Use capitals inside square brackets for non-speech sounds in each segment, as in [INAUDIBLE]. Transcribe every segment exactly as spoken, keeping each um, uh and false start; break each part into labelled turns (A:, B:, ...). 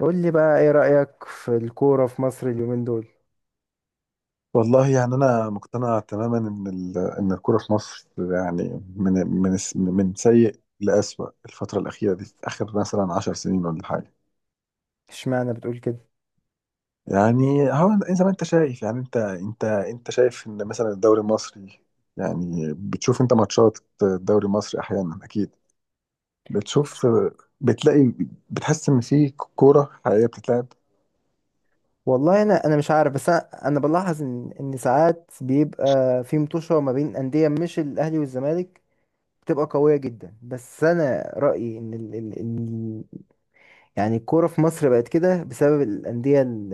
A: قول لي بقى، ايه رأيك في الكورة في مصر اليومين دول؟
B: والله يعني أنا مقتنع تماما إن ال- إن الكورة في مصر يعني من من من سيء لأسوأ الفترة الأخيرة دي، في آخر مثلا عشر سنين ولا حاجة.
A: اشمعنى بتقول كده؟
B: يعني هو زي ما أنت شايف، يعني أنت أنت أنت شايف إن مثلا الدوري المصري، يعني بتشوف أنت ماتشات الدوري المصري أحيانا؟ أكيد بتشوف، بتلاقي، بتحس إن في كورة حقيقية بتتلعب.
A: والله انا انا مش عارف، بس انا انا بلاحظ ان ان ساعات بيبقى في مطوشه ما بين انديه مش الاهلي والزمالك، بتبقى قويه جدا. بس انا رايي ان ال ال ال يعني الكوره في مصر بقت كده بسبب الانديه ال-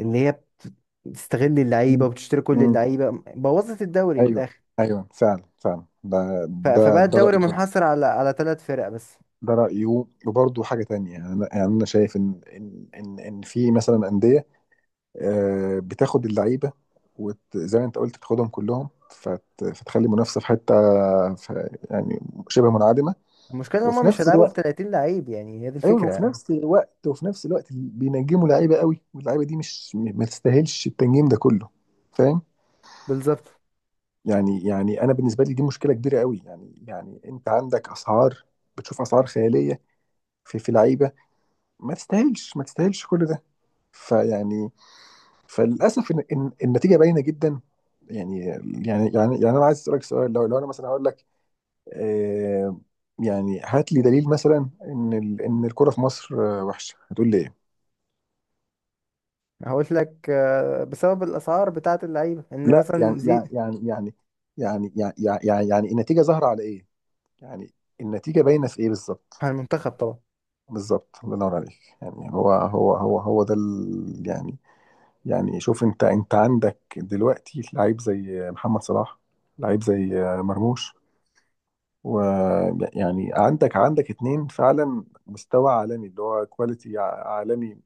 A: اللي هي بت- بتستغل
B: مم.
A: اللعيبه وبتشتري كل
B: مم.
A: اللعيبه، بوظت الدوري من
B: أيوه،
A: الاخر.
B: أيوه، فعلا، فعلا، ده
A: ف-
B: ده
A: فبقى
B: ده
A: الدوري
B: رأيي.
A: منحصر على على ثلاث فرق بس.
B: ده رأيه. وبرضه حاجة تانية، يعني أنا، يعني أنا شايف إن إن إن إن في مثلا أندية، آه، بتاخد اللعيبة، وزي ما أنت قلت بتاخدهم كلهم، فت- فتخلي المنافسة في حتة، ف- يعني شبه منعدمة.
A: المشكله ان هم
B: وفي
A: مش
B: نفس
A: هيلعبوا ب
B: الوقت،
A: تلاتين لعيب، يعني هي دي
B: أيوه، وفي
A: الفكره.
B: نفس الوقت وفي نفس الوقت بينجموا لعيبة قوي، واللعيبة دي مش م- ما تستاهلش التنجيم ده كله. فاهم؟
A: بالظبط.
B: يعني يعني أنا بالنسبة لي دي مشكلة كبيرة قوي. يعني يعني أنت عندك أسعار، بتشوف أسعار خيالية في في لعيبة ما تستاهلش ما تستاهلش كل ده. فيعني، فللاسف إن إن- النتيجه باينه جدا. يعني يعني يعني يعني انا عايز اسالك سؤال، لو لو انا مثلا هقول لك آه يعني هات لي دليل مثلا ان ال- ان الكوره في مصر آه، وحشه، هتقول لي ايه؟
A: هقول لك، آه، بسبب الاسعار بتاعه اللعيبه، ان
B: لا، يعني
A: مثلا زي.
B: يعني يعني يعني يعني يعني يعني يعني النتيجه ظاهره على ايه؟ يعني النتيجه باينه في ايه بالظبط؟
A: على المنتخب طبعا.
B: بالظبط، الله ينور عليك. يعني هو هو هو هو ده ال- يعني، يعني شوف، انت انت عندك دلوقتي لعيب زي محمد صلاح، لعيب زي آه، مرموش، ويعني عندك عندك اتنين فعلا مستوى عالمي، اللي هو كواليتي عالمي،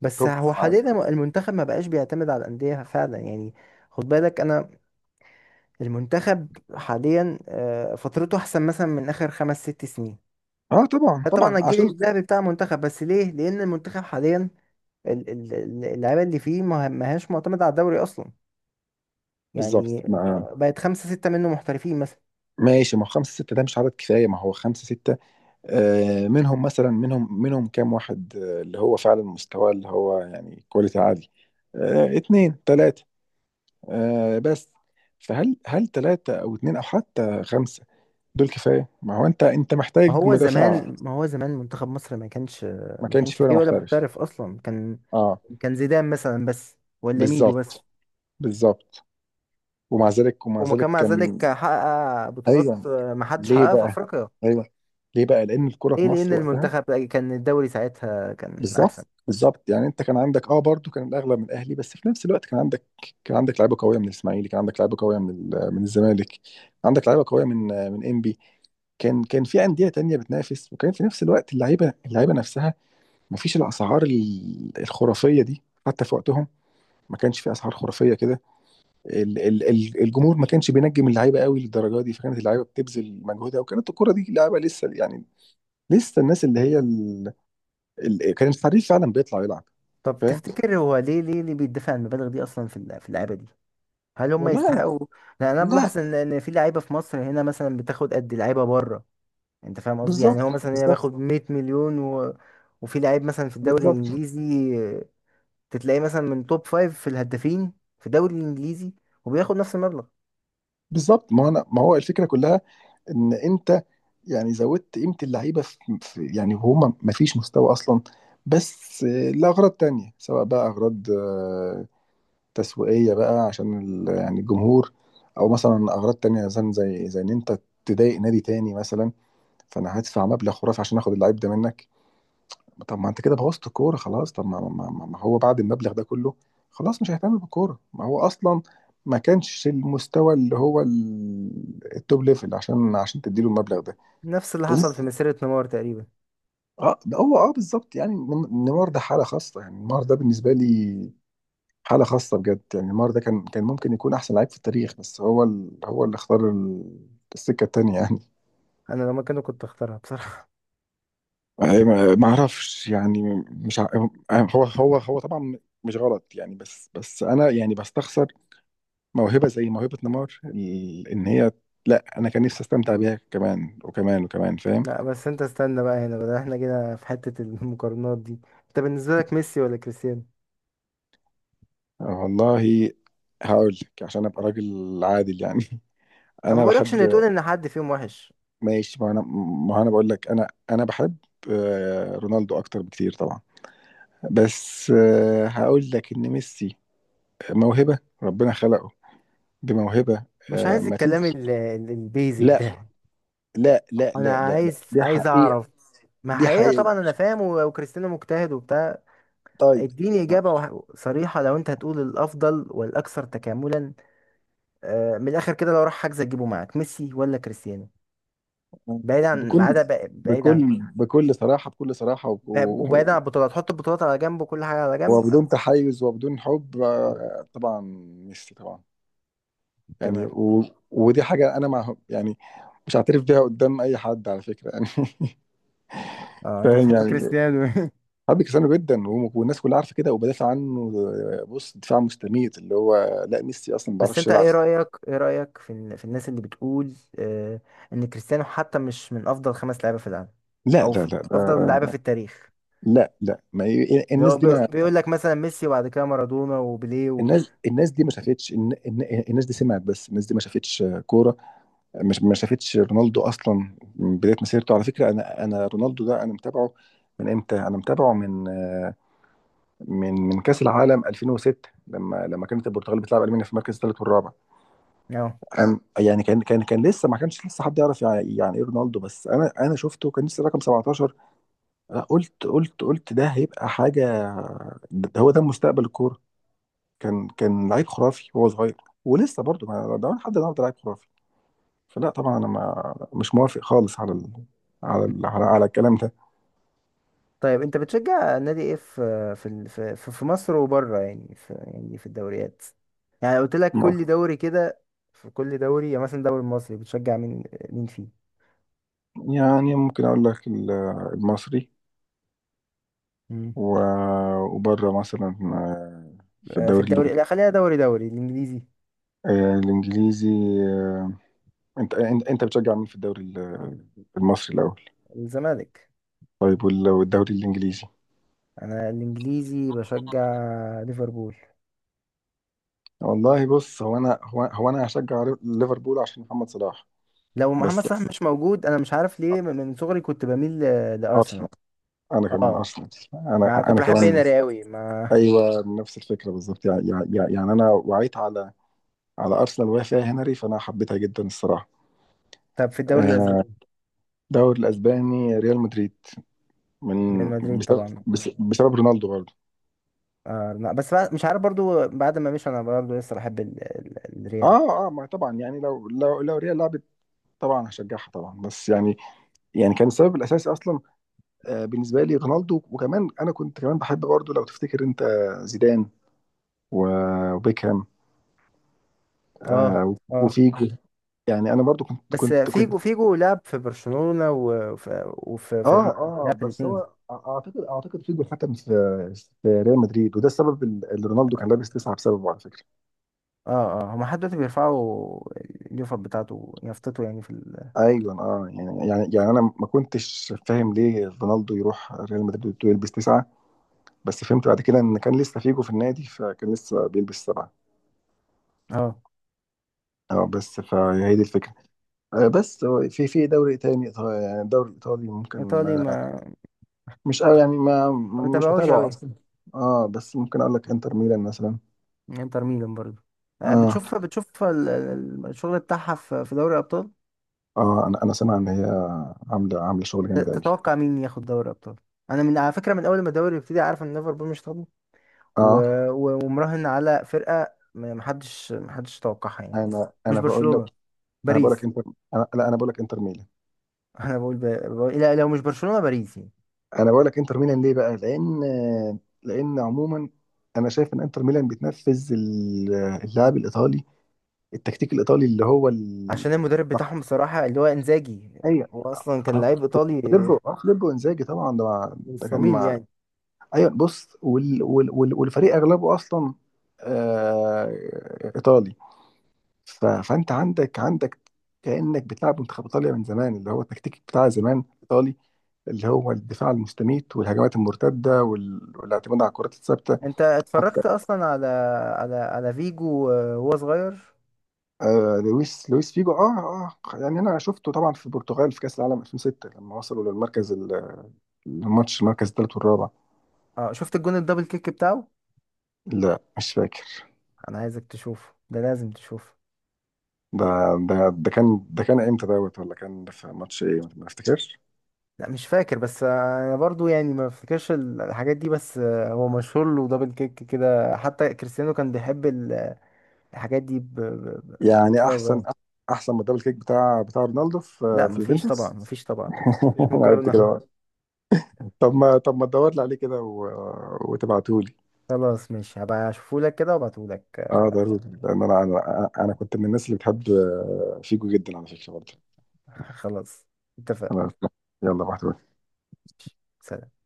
A: بس
B: توب
A: هو
B: في العالم.
A: حاليا المنتخب ما بقاش بيعتمد على الانديه فعلا يعني، خد بالك انا. المنتخب حاليا آه، فترته احسن مثلا من اخر خمس ست سنين.
B: اه طبعا، طبعا
A: طبعا الجيل
B: عشان.
A: الذهبي بتاع المنتخب، بس ليه؟ لان المنتخب حاليا ال- ال- ال- اللعيبه اللي فيه ما ما هياش معتمده على الدوري اصلا،
B: بالظبط.
A: يعني
B: ما-
A: آه، بقت خمسه سته منه محترفين.
B: ماشي، ما هو خمسة ستة ده مش عدد كفاية. ما هو خمسة ستة، آه منهم مثلا منهم منهم كام واحد آه اللي هو فعلا مستوى، اللي هو يعني كواليتي عالي؟ آه، اتنين، تلاتة، آه بس. فهل هل تلاتة أو اتنين أو حتى خمسة دول كفاية؟ ما هو أنت أنت
A: ما
B: محتاج
A: هو
B: مدافع.
A: زمان ما هو زمان منتخب مصر ما كانش،
B: ما
A: ما
B: كانش
A: كانش
B: فيه ولا
A: فيه ولا
B: محترف.
A: محترف اصلا، كان
B: اه،
A: كان زيدان مثلا بس ولا ميدو بس،
B: بالظبط، بالظبط. ومع ذلك ومع
A: وما كان
B: ذلك
A: مع
B: كان.
A: ذلك حقق
B: ايوه،
A: بطولات ما حدش
B: ليه
A: حققها في
B: بقى؟
A: افريقيا.
B: ايوه، ليه بقى؟ لان الكرة في
A: ليه؟ لان
B: مصر وقتها.
A: المنتخب كان الدوري ساعتها كان
B: بالظبط،
A: احسن.
B: بالظبط. يعني انت كان عندك اه برضو كان الاغلب من الاهلي، بس في نفس الوقت كان عندك، كان عندك لعيبه قويه من الاسماعيلي، كان عندك لعيبه قويه من ال- من الزمالك، عندك لعيبه قويه من من انبي. كان كان في انديه تانية بتنافس، وكان في نفس الوقت اللعيبه اللعيبه نفسها، ما فيش الاسعار ال- الخرافيه دي حتى في وقتهم. ما كانش في اسعار خرافيه كده. ال- ال- ال- الجمهور ما كانش بينجم اللعيبه قوي للدرجه دي، فكانت اللعيبه بتبذل مجهودها، وكانت الكره دي لعيبه لسه يعني، لسه الناس اللي هي ال... ال... كان الحريف فعلا بيطلع يلعب.
A: طب
B: فاهم؟
A: تفتكر هو ليه ليه اللي بيدفع المبالغ دي اصلا في الل- في اللعيبه دي؟ هل هم
B: والله أنا...
A: يستحقوا؟ لان انا بلاحظ
B: لا،
A: ان إن في لعيبه في مصر هنا مثلا بتاخد قد لعيبه بره، انت فاهم قصدي؟ يعني
B: بالظبط،
A: هو مثلا هنا
B: بالظبط،
A: بياخد 100 مليون و... وفي لعيب مثلا في الدوري
B: بالظبط،
A: الانجليزي تتلاقيه مثلا من توب فايف في الهدافين في الدوري الانجليزي، وبياخد نفس المبلغ.
B: بالظبط. ما هو انا ما هو الفكره كلها، ان انت يعني زودت قيمه اللعيبه في... في يعني، وهم ما فيش مستوى اصلا. بس آه، لاغراض تانية، سواء بقى اغراض تسويقية بقى عشان ال- يعني الجمهور، او مثلا اغراض تانية مثلا زي زي ان انت تضايق نادي تاني مثلا، فانا هدفع مبلغ خرافي عشان اخد اللعيب ده منك. طب ما انت كده بوظت الكورة خلاص. طب ما, ما, ما ما هو بعد المبلغ ده كله، خلاص مش هيهتم بالكورة. ما هو اصلا ما كانش المستوى اللي هو ال- التوب ليفل عشان عشان تديله المبلغ ده.
A: نفس اللي حصل في
B: تقوم-
A: مسيرة نيمار تقريبا.
B: اه، ده هو، اه، بالظبط. يعني نم- نيمار ده حالة خاصة. يعني نيمار ده بالنسبة لي حالة خاصة بجد. يعني نيمار ده كان كان ممكن يكون أحسن لعيب في التاريخ، بس هو ال... هو اللي اختار ال... السكة التانية يعني.
A: انا لو مكانه كنت اختارها بصراحة.
B: أي ما ما أعرفش يعني، مش ع... هو هو هو طبعا مش غلط يعني، بس بس أنا يعني بستخسر موهبة، زي موهبة نيمار ال... إن هي. لا، أنا كان نفسي أستمتع بيها كمان وكمان وكمان،
A: [LAUGHS]
B: فاهم؟
A: لا بس انت استنى بقى، هنا بقى احنا كده في حتة المقارنات دي، انت بالنسبة لك ميسي ولا كريستيانو؟
B: والله هقول لك عشان ابقى راجل عادل يعني. [LAUGHS]
A: انا ما
B: انا
A: بقولكش ان تقول
B: بحب.
A: ان حد فيهم وحش،
B: ماشي، ما انا ما انا بقول لك، انا انا بحب آه، رونالدو اكتر بكتير طبعا، بس آه، هقول لك ان ميسي موهبة ربنا خلقه بموهبة.
A: مش
B: آه،
A: عايز
B: ما
A: الكلام
B: فيش.
A: ال- ال- البيزك
B: لا،
A: ده،
B: لا، لا،
A: انا
B: لا، لا،
A: عايز
B: لا، دي
A: عايز
B: حقيقة.
A: اعرف ما
B: دي
A: حقيقة،
B: حقيقة.
A: طبعا انا فاهم و- وكريستيانو مجتهد وبتاع،
B: طيب.
A: اديني
B: آه،
A: اجابة وح- صريحة، لو انت هتقول الافضل والاكثر تكاملا، آه، من الاخر كده، لو راح حجز تجيبه معاك ميسي ولا كريستيانو؟
B: آه،
A: بعيد عن
B: بكل
A: بعيد، بعيد عن كل
B: بكل
A: حاجة.
B: بكل صراحة بكل صراحة و-
A: ب- وبعيد عن
B: و-
A: البطولات، حط البطولات على جنب وكل حاجه على جنب، أنا
B: وبدون تحيز وبدون حب
A: مبسوط.
B: آه، طبعا ميسي طبعا. يعني
A: تمام.
B: و... ودي حاجة أنا مع يعني، مش هعترف بيها قدام أي حد على فكرة يعني. [LAUGHS]
A: اه انت
B: فاهم
A: بتحب
B: يعني؟
A: كريستيانو. [LAUGHS]
B: حابب كريستيانو جدا، وم- والناس كلها عارفه كده وبدافع عنه. آه، بص دفاع مستميت، اللي هو لا ميسي اصلا ما
A: بس
B: بيعرفش
A: انت
B: يلعب.
A: ايه رايك ايه رايك في ال- في الناس اللي بتقول، آه، ان كريستيانو حتى مش من افضل خمس لعيبه في العالم
B: لا،
A: او
B: لا،
A: في
B: لا،
A: افضل
B: آه،
A: لعيبه في التاريخ،
B: لا، لا، ما ي-
A: اللي
B: الناس
A: هو
B: دي
A: بي-
B: ما
A: بيقول لك مثلا ميسي وبعد كده مارادونا وبيليه و...
B: الناس الناس دي ما شافتش، الن- الن- الناس دي سمعت بس، الناس دي ما شافتش آه، كوره. مش ما شافتش رونالدو اصلا. من بدايه مسيرته، على فكره، انا انا رونالدو ده انا متابعه، من امتى انا متابعه؟ من آه، من من كاس العالم ألفين وستة، لما لما كانت البرتغال بتلعب المانيا في المركز الثالث والرابع.
A: آه.
B: كان يعني كان كان كان لسه، ما كانش لسه حد يعرف يعني، يعني ايه رونالدو، بس انا انا شفته كان لسه رقم سبعتاشر. أنا قلت قلت قلت ده هيبقى حاجه، ده هو، ده مستقبل الكوره. كان كان لعيب خرافي وهو صغير، ولسه برضه، ما ده لحد النهارده لعيب خرافي. فلا طبعا، انا ما مش موافق خالص على ال... على ال... على, على الكلام ده.
A: طيب، انت بتشجع نادي ايه في في ال- في في في مصر وبره، يعني في، يعني في الدوريات، يعني قلت لك
B: ما-
A: كل دوري كده، في كل دوري يعني مثلا الدوري المصري بتشجع مين؟ مين فيه؟
B: يعني ممكن اقول لك ال- المصري،
A: مم.
B: و... وبره مثلا آه، في
A: آه، في
B: الدوري
A: الدوري، لا،
B: الإنج-
A: خلينا دوري دوري الانجليزي.
B: آه، الانجليزي. آه، انت انت انت بتشجع مين في الدوري ال- المصري الاول؟
A: الزمالك.
B: طيب وال- والدوري الانجليزي؟
A: انا الانجليزي بشجع ليفربول.
B: والله بص، هو انا هو, هو انا هشجع ليفربول عشان محمد صلاح،
A: لو محمد
B: بس
A: صلاح مش موجود، انا مش عارف ليه، من من صغري كنت بميل ل- لارسنال.
B: ارسنال. انا كمان
A: اه،
B: ارسنال،
A: ما
B: انا
A: كنت
B: انا
A: بحب
B: كمان.
A: هنري قوي ما.
B: ايوه، نفس الفكره بالظبط. يعني, يعني يعني انا وعيت على على ارسنال وهي فيها هنري، فانا حبيتها جدا الصراحه.
A: طب في الدوري
B: آه،
A: الاسباني؟
B: الدوري الاسباني ريال مدريد،
A: ريال
B: من
A: مدريد
B: بسبب
A: طبعا.
B: بس- بسبب رونالدو برضه.
A: آه لا، بس بعد مش عارف برضو، بعد ما مشي انا برضو لسه بحب ال... ال... الريال.
B: اه، اه، ما طبعا يعني لو لو لو ريال لعبت، طبعا هشجعها طبعا، بس يعني يعني كان السبب الاساسي اصلا آه، بالنسبه لي رونالدو. وكمان انا كنت كمان بحب برضه لو تفتكر انت، زيدان و- وبيكهام
A: اه
B: آه،
A: اه،
B: وفيجو. يعني انا برضه كنت
A: بس
B: كنت كنت
A: فيجو فيجو لعب في برشلونة وفي وفي في
B: اه
A: ريال،
B: اه
A: لعب في
B: بس هو،
A: الاتنين.
B: أع- اعتقد اعتقد فيجو اتحكم في في ريال مدريد، وده السبب ال- اللي رونالدو كان
A: اه
B: لابس تسعه بسببه، على فكره.
A: اه، اه، هما لحد دلوقتي بيرفعوا اليوفر بتاعته، يافطته، يعني في ال...
B: ايوه، اه، يعني يعني يعني انا ما كنتش فاهم ليه رونالدو يروح ريال مدريد ويلبس تسعه، بس فهمت بعد كده ان كان لسه فيجو في النادي، فكان لسه بيلبس سبعه.
A: اه
B: اه، بس فهي دي الفكره. آه، بس هو في في دوري تاني، إيطا- يعني الدوري الإيطالي ممكن،
A: ايطالي
B: آه،
A: ما.
B: مش قوي يعني، ما
A: ما
B: مش
A: بتابعوش
B: متابعه
A: قوي.
B: أصلا. اه، بس ممكن أقول لك إنتر ميلان مثلا.
A: انتر ميلان برضو. آه
B: اه
A: بتشوف بتشوف ال- ال- الشغل بتاعها في في دوري الابطال.
B: اه أنا أنا سامع إن هي عاملة عاملة شغل
A: انت
B: جامد أوي.
A: تتوقع مين ياخد دوري الابطال؟ انا من على فكرة، من اول ما الدوري يبتدي، عارف ان ليفربول مش هتاخد،
B: اه،
A: و- و- ومراهن على فرقة، ما- محدش محدش توقعها يعني خالص،
B: أنا
A: مش
B: أنا بقول لك
A: برشلونة،
B: أنا بقول لك
A: باريس.
B: إنتر. أنا لا، أنا بقول لك إنتر ميلان،
A: [LAUGHS] انا بقول, ب... بقول لا، لو مش برشلونة، باريس يعني.
B: أنا بقول لك إنتر ميلان ليه بقى؟ لأن آه، لأن عموما أنا شايف إن إنتر ميلان بتنفذ ال- اللعب الإيطالي، التكتيك الإيطالي اللي هو ال...
A: عشان المدرب بتاعهم بصراحة اللي هو انزاجي،
B: أيوه.
A: هو اصلا كان
B: آه.
A: لعيب ايطالي
B: فليبو اه فليبو انزاجي طبعا، ده مع،
A: من
B: ده كان
A: الصميم
B: مع.
A: يعني.
B: ايوه بص، وال... وال... وال... والفريق اغلبه اصلا آه... ايطالي. ف... فانت عندك عندك كانك بتلعب منتخب ايطاليا من زمان، اللي هو التكتيك بتاع زمان ايطالي، اللي هو الدفاع المستميت والهجمات المرتده وال... والاعتماد على الكرات الثابته
A: انت
B: حتى.
A: اتفرجت اصلا على، على على فيجو وهو صغير؟
B: آه... لويس لويس فيجو، اه اه يعني انا شفته طبعا في البرتغال في كاس العالم ألفين وستة لما وصلوا للمركز ال- الماتش، المركز الثالث والرابع.
A: اه، شفت الجون الدبل كيك بتاعه؟
B: لا مش فاكر.
A: انا عايزك تشوفه، ده لازم تشوفه.
B: ده ده ده كان، ده كان امتى دوت، ولا كان في ماتش ايه، ما افتكرش.
A: لا مش فاكر، بس انا برضو يعني ما افتكرش ال- الحاجات دي، بس هو مشهور له دبل كيك كده، حتى كريستيانو كان بيحب ال- الحاجات دي ب... ب... ب...
B: يعني
A: بسبب
B: احسن
A: ده.
B: احسن ما الدبل كيك بتاع بتاع رونالدو
A: لا
B: في في
A: مفيش طبعا،
B: يوفنتوس.
A: مفيش طبعا، مفيش
B: [LAUGHS] انا قلت كده
A: مقارنة.
B: أهو. طب ما طب ما تدور لي عليه كده و... وتبعته لي.
A: خلاص ماشي، هبقى اشوفهولك كده وابعتهولك.
B: اه ضروري، لان انا انا انا كنت من الناس اللي بتحب فيجو جدا، على فكره برضه.
A: [LAUGHS] خلاص، اتفقنا.
B: انا يلا بعته.
A: سلام.